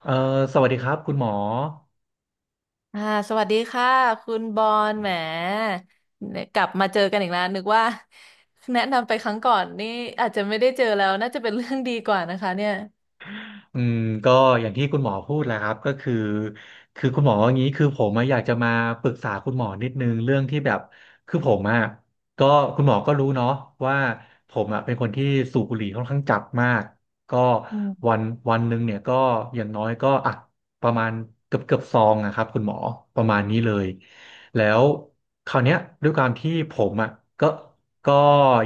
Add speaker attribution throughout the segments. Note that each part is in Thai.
Speaker 1: เอ่อสวัสดีครับคุณหมอ
Speaker 2: อ่าสวัสดีค่ะคุณบอลแหมเนี่ยกลับมาเจอกันอีกแล้วนึกว่า แนะนำไปครั้งก่อนนี่อาจจะไม่ได้เจอแล้วน่าจะเป็นเรื่องดีกว่านะคะเนี่ย
Speaker 1: อืมก็อย่างที่คุณหมอพูดแหละครับก็คือคุณหมออย่างนี้คือผมอะอยากจะมาปรึกษาคุณหมอนิดนึงเรื่องที่แบบคือผมอะก็คุณหมอก็รู้เนาะว่าผมอะเป็นคนที่สูบบุหรี่ค่อนข้างจัดมากก็
Speaker 2: อืม
Speaker 1: วันวันหนึ่งเนี่ยก็อย่างน้อยก็อ่ะประมาณเกือบซองนะครับคุณหมอประมาณนี้เลยแล้วคราวเนี้ยด้วยความที่ผมอ่ะก็ ก็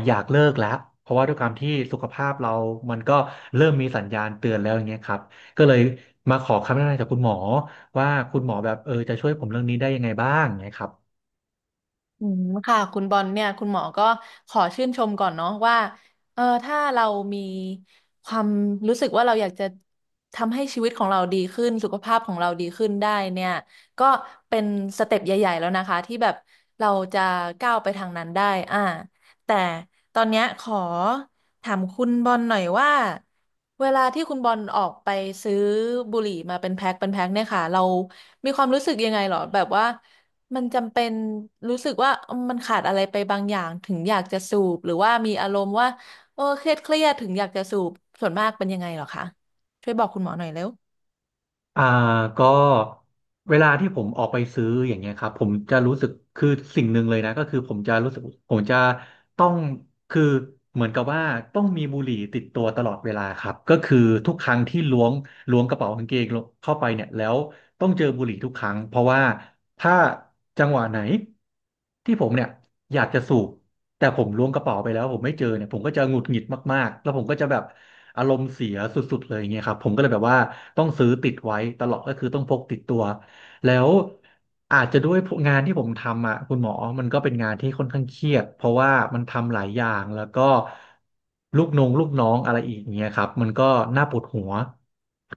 Speaker 1: อยากเลิกแล้วเพราะว่าด้วยความที่สุขภาพเรามันก็เริ่มมีสัญญาณเตือนแล้วอย่างเงี้ยครับก็เลยมาขอคำแนะนำจากคุณหมอว่าคุณหมอแบบจะช่วยผมเรื่องนี้ได้ยังไงบ้างอย่างเงี้ยครับ
Speaker 2: อืมค่ะคุณบอลเนี่ยคุณหมอก็ขอชื่นชมก่อนเนาะว่าเออถ้าเรามีความรู้สึกว่าเราอยากจะทำให้ชีวิตของเราดีขึ้นสุขภาพของเราดีขึ้นได้เนี่ยก็เป็นสเต็ปใหญ่ๆแล้วนะคะที่แบบเราจะก้าวไปทางนั้นได้อ่าแต่ตอนเนี้ยขอถามคุณบอลหน่อยว่าเวลาที่คุณบอลออกไปซื้อบุหรี่มาเป็นแพ็คเป็นแพ็คเนี่ยค่ะเรามีความรู้สึกยังไงหรอแบบว่า มันจำเป็นรู้สึกว่าเอิ่มมันขาดอะไรไปบางอย่างถึงอยากจะสูบหรือว่ามีอารมณ์ว่าเออเครียดถึงอยากจะสูบส่วนมากเป็นยังไงเหรอคะช่วยบอกคุณหมอหน่อยเร็ว
Speaker 1: อ่าก็เวลาที่ผมออกไปซื้ออย่างเงี้ยครับผมจะรู้สึกคือสิ่งหนึ่งเลยนะก็คือผมจะรู้สึกผมจะต้องคือเหมือนกับว่าต้องมีบุหรี่ติดตัวตลอดเวลาครับก็คือทุกครั้งที่ล้วงกระเป๋ากางเกงเข้าไปเนี่ยแล้วต้องเจอบุหรี่ทุกครั้งเพราะว่าถ้าจังหวะไหนที่ผมเนี่ยอยากจะสูบ แต่ผมล้วงกระเป๋าไปแล้วผมไม่เจอเนี่ยผมก็จะหงุดหงิดมากๆแล้วผมก็จะแบบอารมณ์เสียสุดๆเลยอย่างเงี้ยครับผมก็เลยแบบว่าต้องซื้อติดไว้ตลอดก็คือต้องพกติดตัวแล้วอาจจะด้วยงานที่ผมทำอ่ะคุณหมอมันก็เป็นงานที่ค่อนข้างเครียดเพราะว่ามันทำหลายอย่างแล้วก็ลูกน้องอะไรอีกอย่างเงี้ยครับมันก็น่าปวดหัว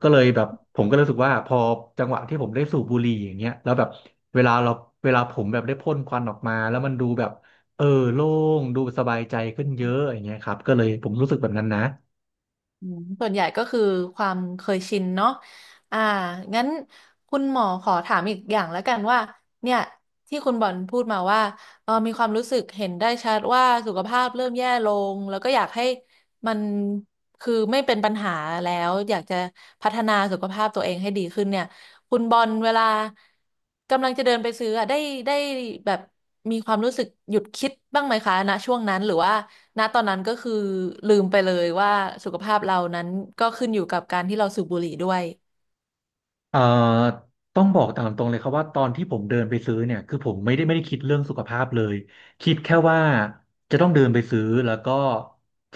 Speaker 1: ก็เลยแบบผมก็รู้สึกว่าพอจังหวะที่ผมได้สูบบุหรี่อย่างเงี้ยแล้วแบบเวลาเราเวลาผมแบบได้พ่นควันออกมาแล้วมันดูแบบ เออโล่งดูสบายใจขึ้นเยอะอย่างเงี้ยครับก็เลยผมรู้สึกแบบนั้นนะ
Speaker 2: อืมส่วนใหญ่ก็คือความเคยชินเนาะอ่า งั้นคุณหมอขอถามอีกอย่างแล้วกันว่า เนี่ยที่คุณบอลพูดมาว่าเออมีความรู้สึกเห็นได้ชัดว่าสุขภาพเริ่มแย่ลง แล้วก็อยากให้มันคือไม่เป็นปัญหาแล้วอยากจะพัฒนาสุขภาพตัวเองให้ดีขึ้นเนี่ย คุณบอลเวลากำลังจะเดินไปซื้ออะได้แบบมีความรู้สึกหยุดคิดบ้างไหมคะณช่วงนั้นหรือว่า ณตอนนั้นก็คือลืมไปเลยว่าสุขภาพเรานั้นก็ขึ้นอยู่กับการที่เราสูบบุหรี่ด้วย
Speaker 1: เอ่อต้องบอกตามตรงเลยครับว่าตอนที่ผมเดินไปซื้อเนี่ยคือผมไม่ได้คิดเรื่องสุขภาพเลยคิดแค่ว่าจะต้องเดินไปซื้อแล้วก็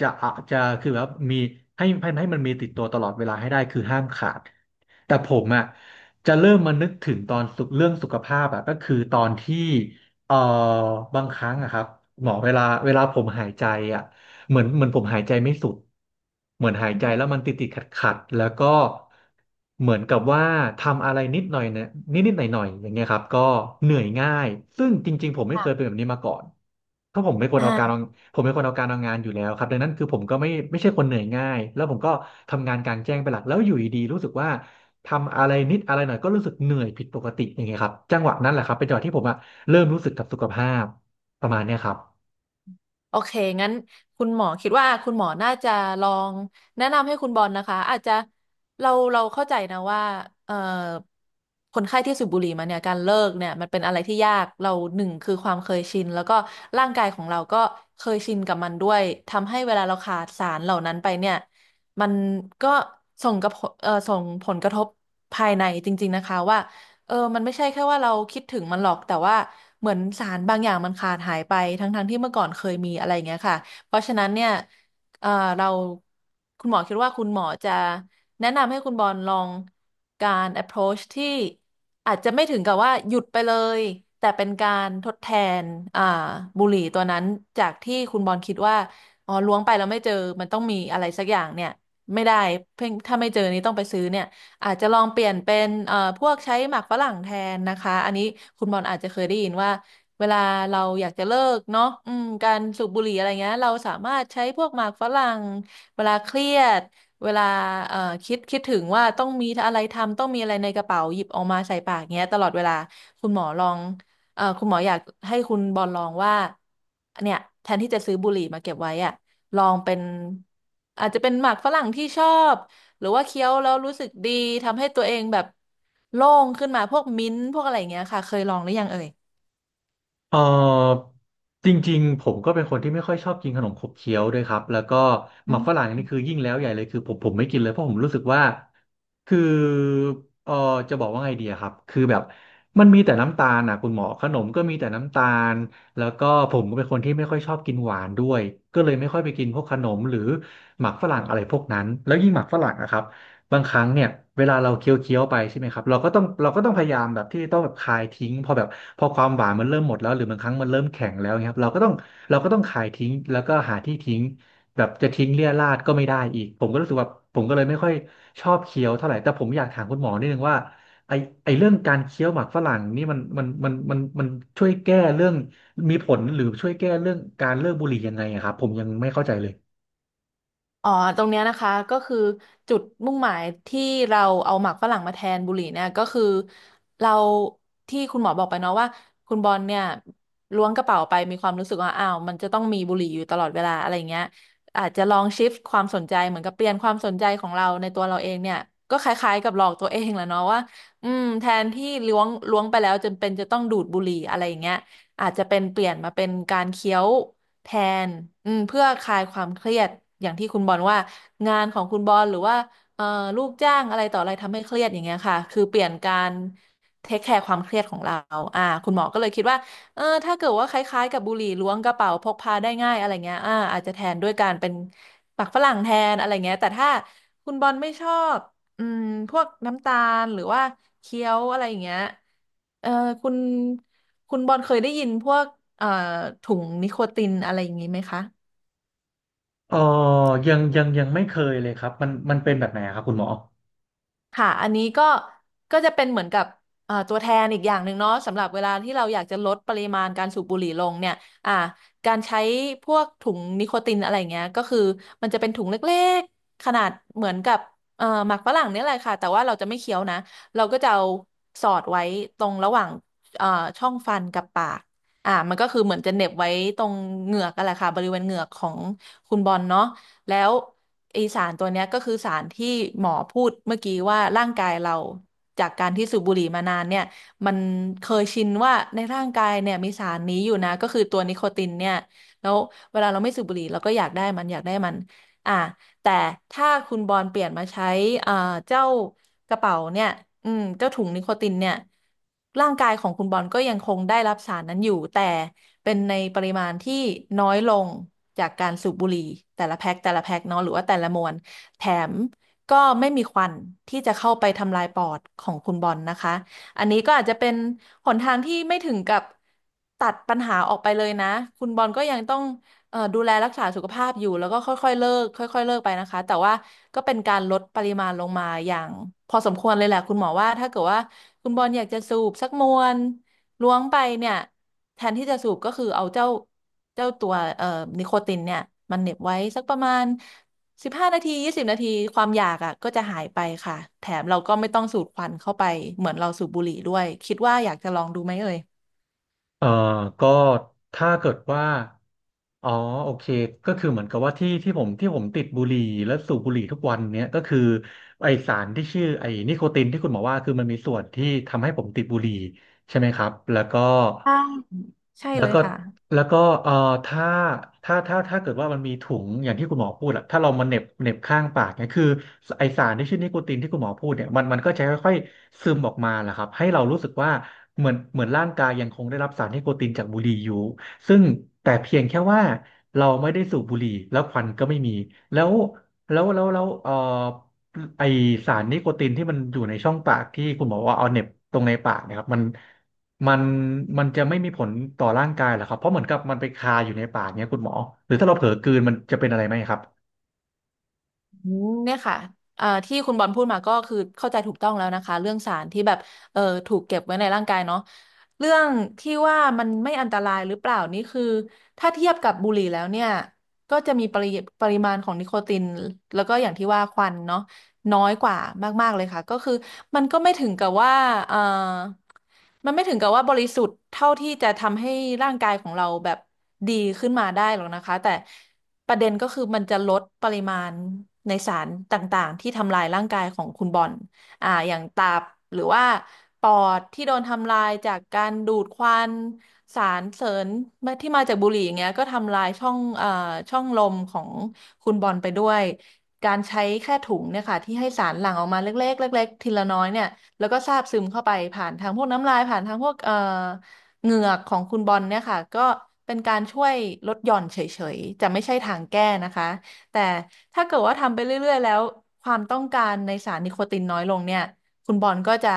Speaker 1: จะอะจะคือแบบมีให้มันมีติดตัวตลอดเวลาให้ได้คือห้ามขาดแต่ผมอ่ะจะเริ่มมานึกถึงตอนสุขเรื่องสุขภาพอ่ะก็คือตอนที่เอ่อบางครั้งอะครับหมอเวลาผมหายใจอ่ะ เหมือนผมหายใจไม่สุดเหมือนหายใจแล้วมันติดขัดแล้วก็เหมือนกับว่าทำอะไรนิดหน่อยเนี่ยนิดหน่อยๆอย่างเงี้ยครับก็เหนื่อยง่ายซึ่งจริงๆผมไม่เคยเป็นแบบนี้มาก่อนเพราะผมเป็นคนเอาการเอา
Speaker 2: อ่า
Speaker 1: ผมเป็นคนเอาการเอางานอยู่แล้วครับดังนั้นคือผมก็ไม่ใช่คนเหนื่อยง่ายแล้วผมก็ทำงานกลางแจ้งเป็นหลักแล้วอยู่ดีๆรู้สึกว่าทำอะไรนิดอะไรหน่อยก็รู้สึกเหนื่อยผิดปกติอย่างเงี้ยครับจังหวะนั้นแหละครับเป็นจังหวะที่ผมอะเริ่มรู้สึกกับสุขภาพประมาณเนี้ยครับ
Speaker 2: โอเค งั้นคุณหมอคิดว่าคุณหมอน่าจะลองแนะนำให้คุณบอลนะคะอาจจะเราเข้าใจนะว่าเอ่อคนไข้ที่สูบบุหรี่มาเนี่ยการเลิกเนี่ยมันเป็นอะไรที่ยากเราหนึ่งคือความเคยชินแล้วก็ร่างกายของเราก็เคยชินกับมันด้วยทำให้เวลาเราขาดสารเหล่านั้นไปเนี่ยมันก็ส่งกับส่งผลกระทบภายในจริงๆนะคะว่า เออมันไม่ใช่แค่ว่าเราคิดถึงมันหรอกแต่ว่าเหมือนสารบางอย่างมันขาดหายไปทั้งๆที่เมื่อก่อนเคยมีอะไรอย่างเงี้ยค่ะเพราะฉะนั้นเนี่ยเออเราคุณหมอคิดว่าคุณหมอจะแนะนำให้คุณบอลลองการ approach ที่อาจจะไม่ถึงกับว่าหยุดไปเลยแต่เป็นการทดแทนอ่าบุหรี่ตัวนั้นจากที่คุณบอลคิดว่าอ๋อล้วงไปแล้วไม่เจอมันต้องมีอะไรสักอย่างเนี่ยไม่ได้เพิ่งถ้าไม่เจอนี่ต้องไปซื้อเนี่ย อาจจะลองเปลี่ยนเป็นพวกใช้หมากฝรั่งแทนนะคะอันนี้คุณบอลอาจจะเคยได้ยินว่าเวลาเราอยากจะเลิกเนาะอืมการสูบบุหรี่อะไรเงี้ยเราสามารถใช้พวกหมากฝรั่งเวลาเครียดเวลาเอ่อคิดถึงว่าต้องมีอะไรทำต้องมีอะไรในกระเป๋าหยิบออกมาใส่ปากเงี้ยตลอดเวลาคุณหมอลองคุณหมออยากให้คุณบอลลองว่าเนี่ยแทนที่จะซื้อบุหรี่มาเก็บไว้อะลองเป็นอาจจะเป็นหมากฝรั่งที่ชอบ หรือว่าเคี้ยวแล้วรู้สึกดีทำให้ตัวเองแบบโล่งขึ้นมาพวกมิ้นท์พวกอะไรอย่างเงี้ยค่ะเคยลองหรือยังเอ่ย
Speaker 1: เออจริงๆผมก็เป็นคนที่ไม่ค่อยชอบกินขนมขบเคี้ยวด้วยครับแล้วก็หมักฝรั่งนี่คือยิ่งแล้วใหญ่เลยคือผมไม่กินเลยเพราะผมรู้สึกว่าคือเออจะบอกว่าไงดีอะครับคือแบบมันมีแต่น้ำตาลนะคุณหมอขนมก็มีแต่น้ำตาลแล้วก็ผมก็เป็นคนที่ไม่ค่อยชอบกินหวานด้วยก็เลยไม่ค่อยไปกินพวกขนมหรือหมักฝรั่งอะไรพวกนั้นแล้วยิ่งหมักฝรั่งนะครับ บางครั้งเนี่ยเวลาเราเคี้ยวไปใช่ไหมครับเราก็ต้องพยายามแบบที่ต้องแบบคายทิ้งพอแบบพอความหวานมันเริ่มหมดแล้วหรือบางครั้งมันเริ่มแข็งแล้วเงี้ยครับเราก็ต้องคายทิ้งแล้วก็หาที่ทิ้งแบบจะทิ้งเรี่ยราดก็ไม่ได้อีกผมก็รู้สึกว่าผมก็เลยไม่ค่อยชอบเคี้ยวเท่าไหร่แต่ผมอยากถามคุณหมอนิดนึงว่าไอไอเรื่องการเคี้ยวหมากฝรั่งนี่มันช่วยแก้เรื่องมีผลหรือช่วยแก้เรื่องการเลิกบุหรี่ยังไงอะครับผมยังไม่เข้าใจเลย
Speaker 2: อ๋อตรงเนี้ยนะคะก็คือจุดมุ่งหมายที่เราเอาหมากฝรั่งมาแทนบุหรี่เนี่ยก็คือเราที่คุณหมอบอกไปเนาะว่าคุณบอลเนี่ยล้วงกระเป๋าไปมีความรู้สึกว่าอ้าวมันจะต้องมีบุหรี่อยู่ตลอดเวลาอะไรเงี้ยอาจจะลองชิฟต์ความสนใจเหมือนกับเปลี่ยนความสนใจของเราในตัวเราเองเนี่ยก็คล้ายๆกับหลอกตัวเองแหละเนาะว่าอืมแทนที่ล้วงไปแล้วจนเป็นจะต้องดูดบุหรี่อะไรอย่างเงี้ยอาจจะเป็นเปลี่ยนมาเป็นการเคี้ยว แทนอืมเพื่อคลายความเครียดอย่างที่คุณบอลว่างานของคุณบอลหรือว่าเอ่อลูกจ้างอะไรต่ออะไรทำให้เครียดอย่างเงี้ยค่ะคือเปลี่ยนการเทคแคร์ความเครียดของเราคุณหมอก็เลยคิดว่าเออถ้าเกิดว่าคล้ายๆกับบุหรี่ล้วงกระเป๋าพกพาได้ง่ายอะไรเงี้ยอาจจะแทนด้วยการเป็นปักฝรั่งแทนอะไรเงี้ยแต่ถ้าคุณบอลไม่ชอบอืมพวกน้ำตาลหรือว่าเคี้ยวอะไรอย่างเงี้ย เออคุณคุณบอลเคยได้ยินพวกเอ่อถุงนิโคตินอะไรอย่างนี้ไหมคะ
Speaker 1: เออยังไม่เคยเลยครับ มันเป็นแบบไหนอะครับคุณหมอ
Speaker 2: ค่ะ อันนี้ก็จะเป็นเหมือนกับตัวแทนอีกอย่างหนึ่งเนาะสำหรับเวลาที่เราอยากจะลดปริมาณการสูบบุหรี่ลงเนี่ยอ่าการใช้พวกถุงนิโคตินอะไรเงี้ยก็คือมันจะเป็นถุงเล็กๆขนาดเหมือนกับหมากฝรั่งเนี่ยแหละค่ะแต่ว่าเราจะไม่เคี้ยวนะ เราก็จะเอาสอดไว้ตรงระหว่างเอ่อช่องฟันกับปากมันก็คือเหมือนจะเหน็บไว้ตรงเหงือกกันแหละค่ะบริเวณเหงือกของคุณบอลเนาะ แล้วไอสารตัวเนี้ยก็คือสารที่หมอพูดเมื่อกี้ว่าร่างกายเราจากการที่สูบบุหรี่มานานเนี่ยมันเคยชินว่าในร่างกายเนี่ยมีสารนี้อยู่นะก็คือตัวนิโคตินเนี่ยแล้วเวลาเราไม่สูบบุหรี่เราก็อยากได้มันอยากได้มันอ่ะ แต่ถ้าคุณบอลเปลี่ยนมาใช้เอ่อเจ้ากระเป๋าเนี่ยอืมเจ้าถุงนิโคตินเนี่ยร่างกายของคุณบอลก็ยังคงได้รับสารนั้นอยู่แต่เป็นในปริมาณที่น้อยลงจากการสูบบุหรี่แต่ละแพ็คแต่ละแพ็คเนาะหรือว่าแต่ละมวนแถมก็ไม่มีควันที่จะเข้าไปทำลายปอดของคุณบอลนะคะอันนี้ก็อาจจะเป็นหนทางที่ไม่ถึงกับตัดปัญหาออกไปเลยนะคุณบอลก็ยังต้อง ดูแลรักษาสุขภาพอยู่แล้วก็ค่อยๆเลิกค่อยๆเลิกไปนะคะแต่ว่าก็เป็นการลดปริมาณลงมาอย่างพอสมควรเลยแหละคุณหมอว่าถ้าเกิดว่าคุณบอลอยากจะสูบสักมวนล้วงไปเนี่ยแทนที่จะสูบก็คือเอาเจ้าตัวนิโคตินเนี่ยมันเหน็บไว้สักประมาณ15 นาที20 นาทีความอยากอ่ะก็จะหายไปค่ะแถมเราก็ไม่ต้องสูดควันเข้าไปเหมือนเราสูบบุหรี่ด้วยคิดว่าอยากจะลองดูไหมเอ่ย
Speaker 1: เอ่อก็ถ้าเกิดว่าอ๋อโอเคก็คือเหมือนกับว่าที่ผมติดบุหรี่และสูบบุหรี่ทุกวันเนี้ยก็คือไอสารที่ชื่อไอนิโคตินที่คุณหมอว่าคือมันมีส่วนที่ทำให้ผมติดบุหรี่ใช่ไหมครับ แล้วก็
Speaker 2: ใช่ใช่
Speaker 1: แล้
Speaker 2: เล
Speaker 1: ว
Speaker 2: ย
Speaker 1: ก็
Speaker 2: ค่ะ
Speaker 1: แล้วก็ถ้าถ้าเกิดว่ามันมีถุงอย่างที่คุณหมอพูดอะถ้าเรามาเหน็บข้างปากเนี่ยคือไอสารที่ชื่อนิโคตินที่คุณหมอพูดเนี่ยมันก็จะค่อยๆซึมออกมาแหละครับให้เรารู้สึกว่าเหมือนร่างกายยังคงได้รับสารนิโคตินจากบุหรี่อยู่ซึ่งแต่เพียงแค่ว่าเราไม่ได้สูบบุหรี่แล้วควันก็ไม่มีแล้วแล้วไอสารนิโคตินที่มันอยู่ในช่องปากที่คุณหมอว่าเอาเหน็บตรงในปากเนะครับมัน มันมันจะไม่มีผลต่อร่างกายเหรอครับเพราะเหมือนกับมันไปคาอยู่ในปากเนี้ยคุณหมอหรือถ้าเราเผลอกลืนมันจะเป็นอะไรไหมครับ
Speaker 2: เนี่ยค่ะที่คุณบอลพูดมาก็คือ เข้าใจถูกต้องแล้วนะคะ เรื่องสารที่แบบเอ่อถูกเก็บไว้ในร่างกายเนาะเรื่องที่ว่ามันไม่อันตรายหรือเปล่านี่คือถ้าเทียบกับบุหรี่แล้วเนี่ยก็จะมีปริมาณของนิโคติน แล้วก็อย่างที่ว่าควันเนาะ น้อยกว่ามากๆเลยค่ะก็คือมันก็ไม่ถึงกับว่าเออมันไม่ถึงกับว่าบริสุทธิ์เท่าที่จะทำให้ร่างกายของเราแบบดีขึ้นมาได้หรอกนะคะแต่ประเด็นก็คือมันจะลดปริมาณในสารต่างๆที่ทำลายร่างกายของคุณบอลอย่างตับหรือว่าปอดที่โดนทำลายจากการดูดควันสารเสริญที่มาจากบุหรี่อย่างเงี้ยก็ทำลายช่องช่องลมของ คุณบอลไปด้วยการใช้แค่ถุงเนี่ยค่ะที่ให้สารหลั่งออกมาเล็กๆเล็กๆทีละน้อยเนี่ยแล้วก็ซาบซึมเข้าไปผ่านทางพวกน้ำลายผ่านทางพวกเหงือกของคุณบอลเนี่ยค่ะก็เป็นการช่วยลดหย่อนเฉยๆจะไม่ใช่ทางแก้นะคะแต่ถ้าเกิดว่าทำไปเรื่อยๆแล้วความต้องการในสารนิโคตินน้อยลงเนี่ยคุณบอลก็จะ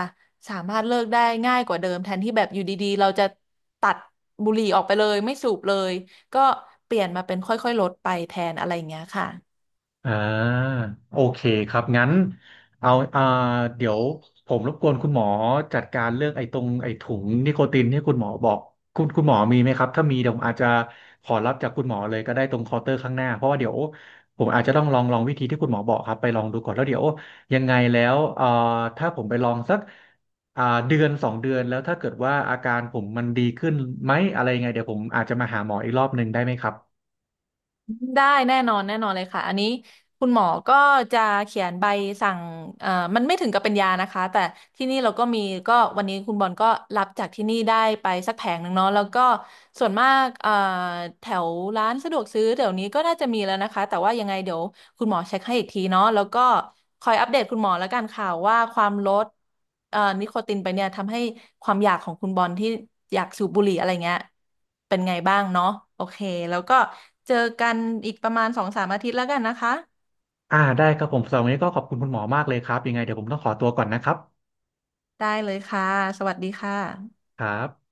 Speaker 2: สามารถเลิกได้ง่ายกว่าเดิมแทนที่แบบอยู่ดีๆเราจะตัดบุหรี่ออกไปเลยไม่สูบเลย ก็เปลี่ยนมาเป็นค่อยๆลดไปแทนอะไรอย่างเงี้ยค่ะ
Speaker 1: อ่าโอเคครับงั้นเอาเดี๋ยวผมรบกวนคุณหมอจัดการเรื่องไอ้ตรงไอ้ถุงนิโคตินที่คุณหมอบอกคุณหมอมีไหมครับถ้ามีเดี๋ยวผมอาจจะขอรับจากคุณหมอเลยก็ได้ตรงเคาน์เตอร์ข้างหน้าเพราะว่าเดี๋ยวผมอาจจะต้องลองวิธีที่คุณหมอบอกครับไปลองดูก่อนแล้วเดี๋ยวยังไงแล้วถ้าผมไปลองสักอ่าเดือนสองเดือนแล้วถ้าเกิดว่าอาการผมมันดีขึ้นไหมอะไรยังไงเดี๋ยวผมอาจจะมาหาหมออีกรอบหนึ่งได้ไหมครับ
Speaker 2: ได้แน่นอนแน่นอนเลยค่ะอันนี้คุณหมอก็จะเขียนใบสั่งเอ่อมันไม่ถึงกับเป็นยานะคะแต่ที่นี่เราก็มีก็วันนี้คุณบอลก็รับจากที่นี่ได้ไปสักแผงหนึ่งเนาะแล้วก็ส่วนมากแถวร้านสะดวกซื้อเดี๋ยวนี้ก็น่าจะมีแล้วนะคะแต่ว่ายังไงเดี๋ยวคุณหมอเช็คให้อีกทีเนาะแล้วก็คอยอัปเดตคุณหมอแล้วกันค่ะว่าความลดนิโคตินไปเนี่ยทำให้ความอยากของคุณบอลที่อยากสูบบุหรี่อะไรเงี้ย เป็นไงบ้างเนาะโอเคแล้วก็เจอกันอีกประมาณสองสามอาทิตย์แล้วกันนะคะ
Speaker 1: อ่าได้ครับผมสำหรับวันนี้ก็ขอบคุณคุณหมอมากเลยครับยังไงเดี๋ยวผมต้องขอตัวก่อนนะครับ
Speaker 2: ได้เลยค่ะสวัสดีค่ะ
Speaker 1: ครับ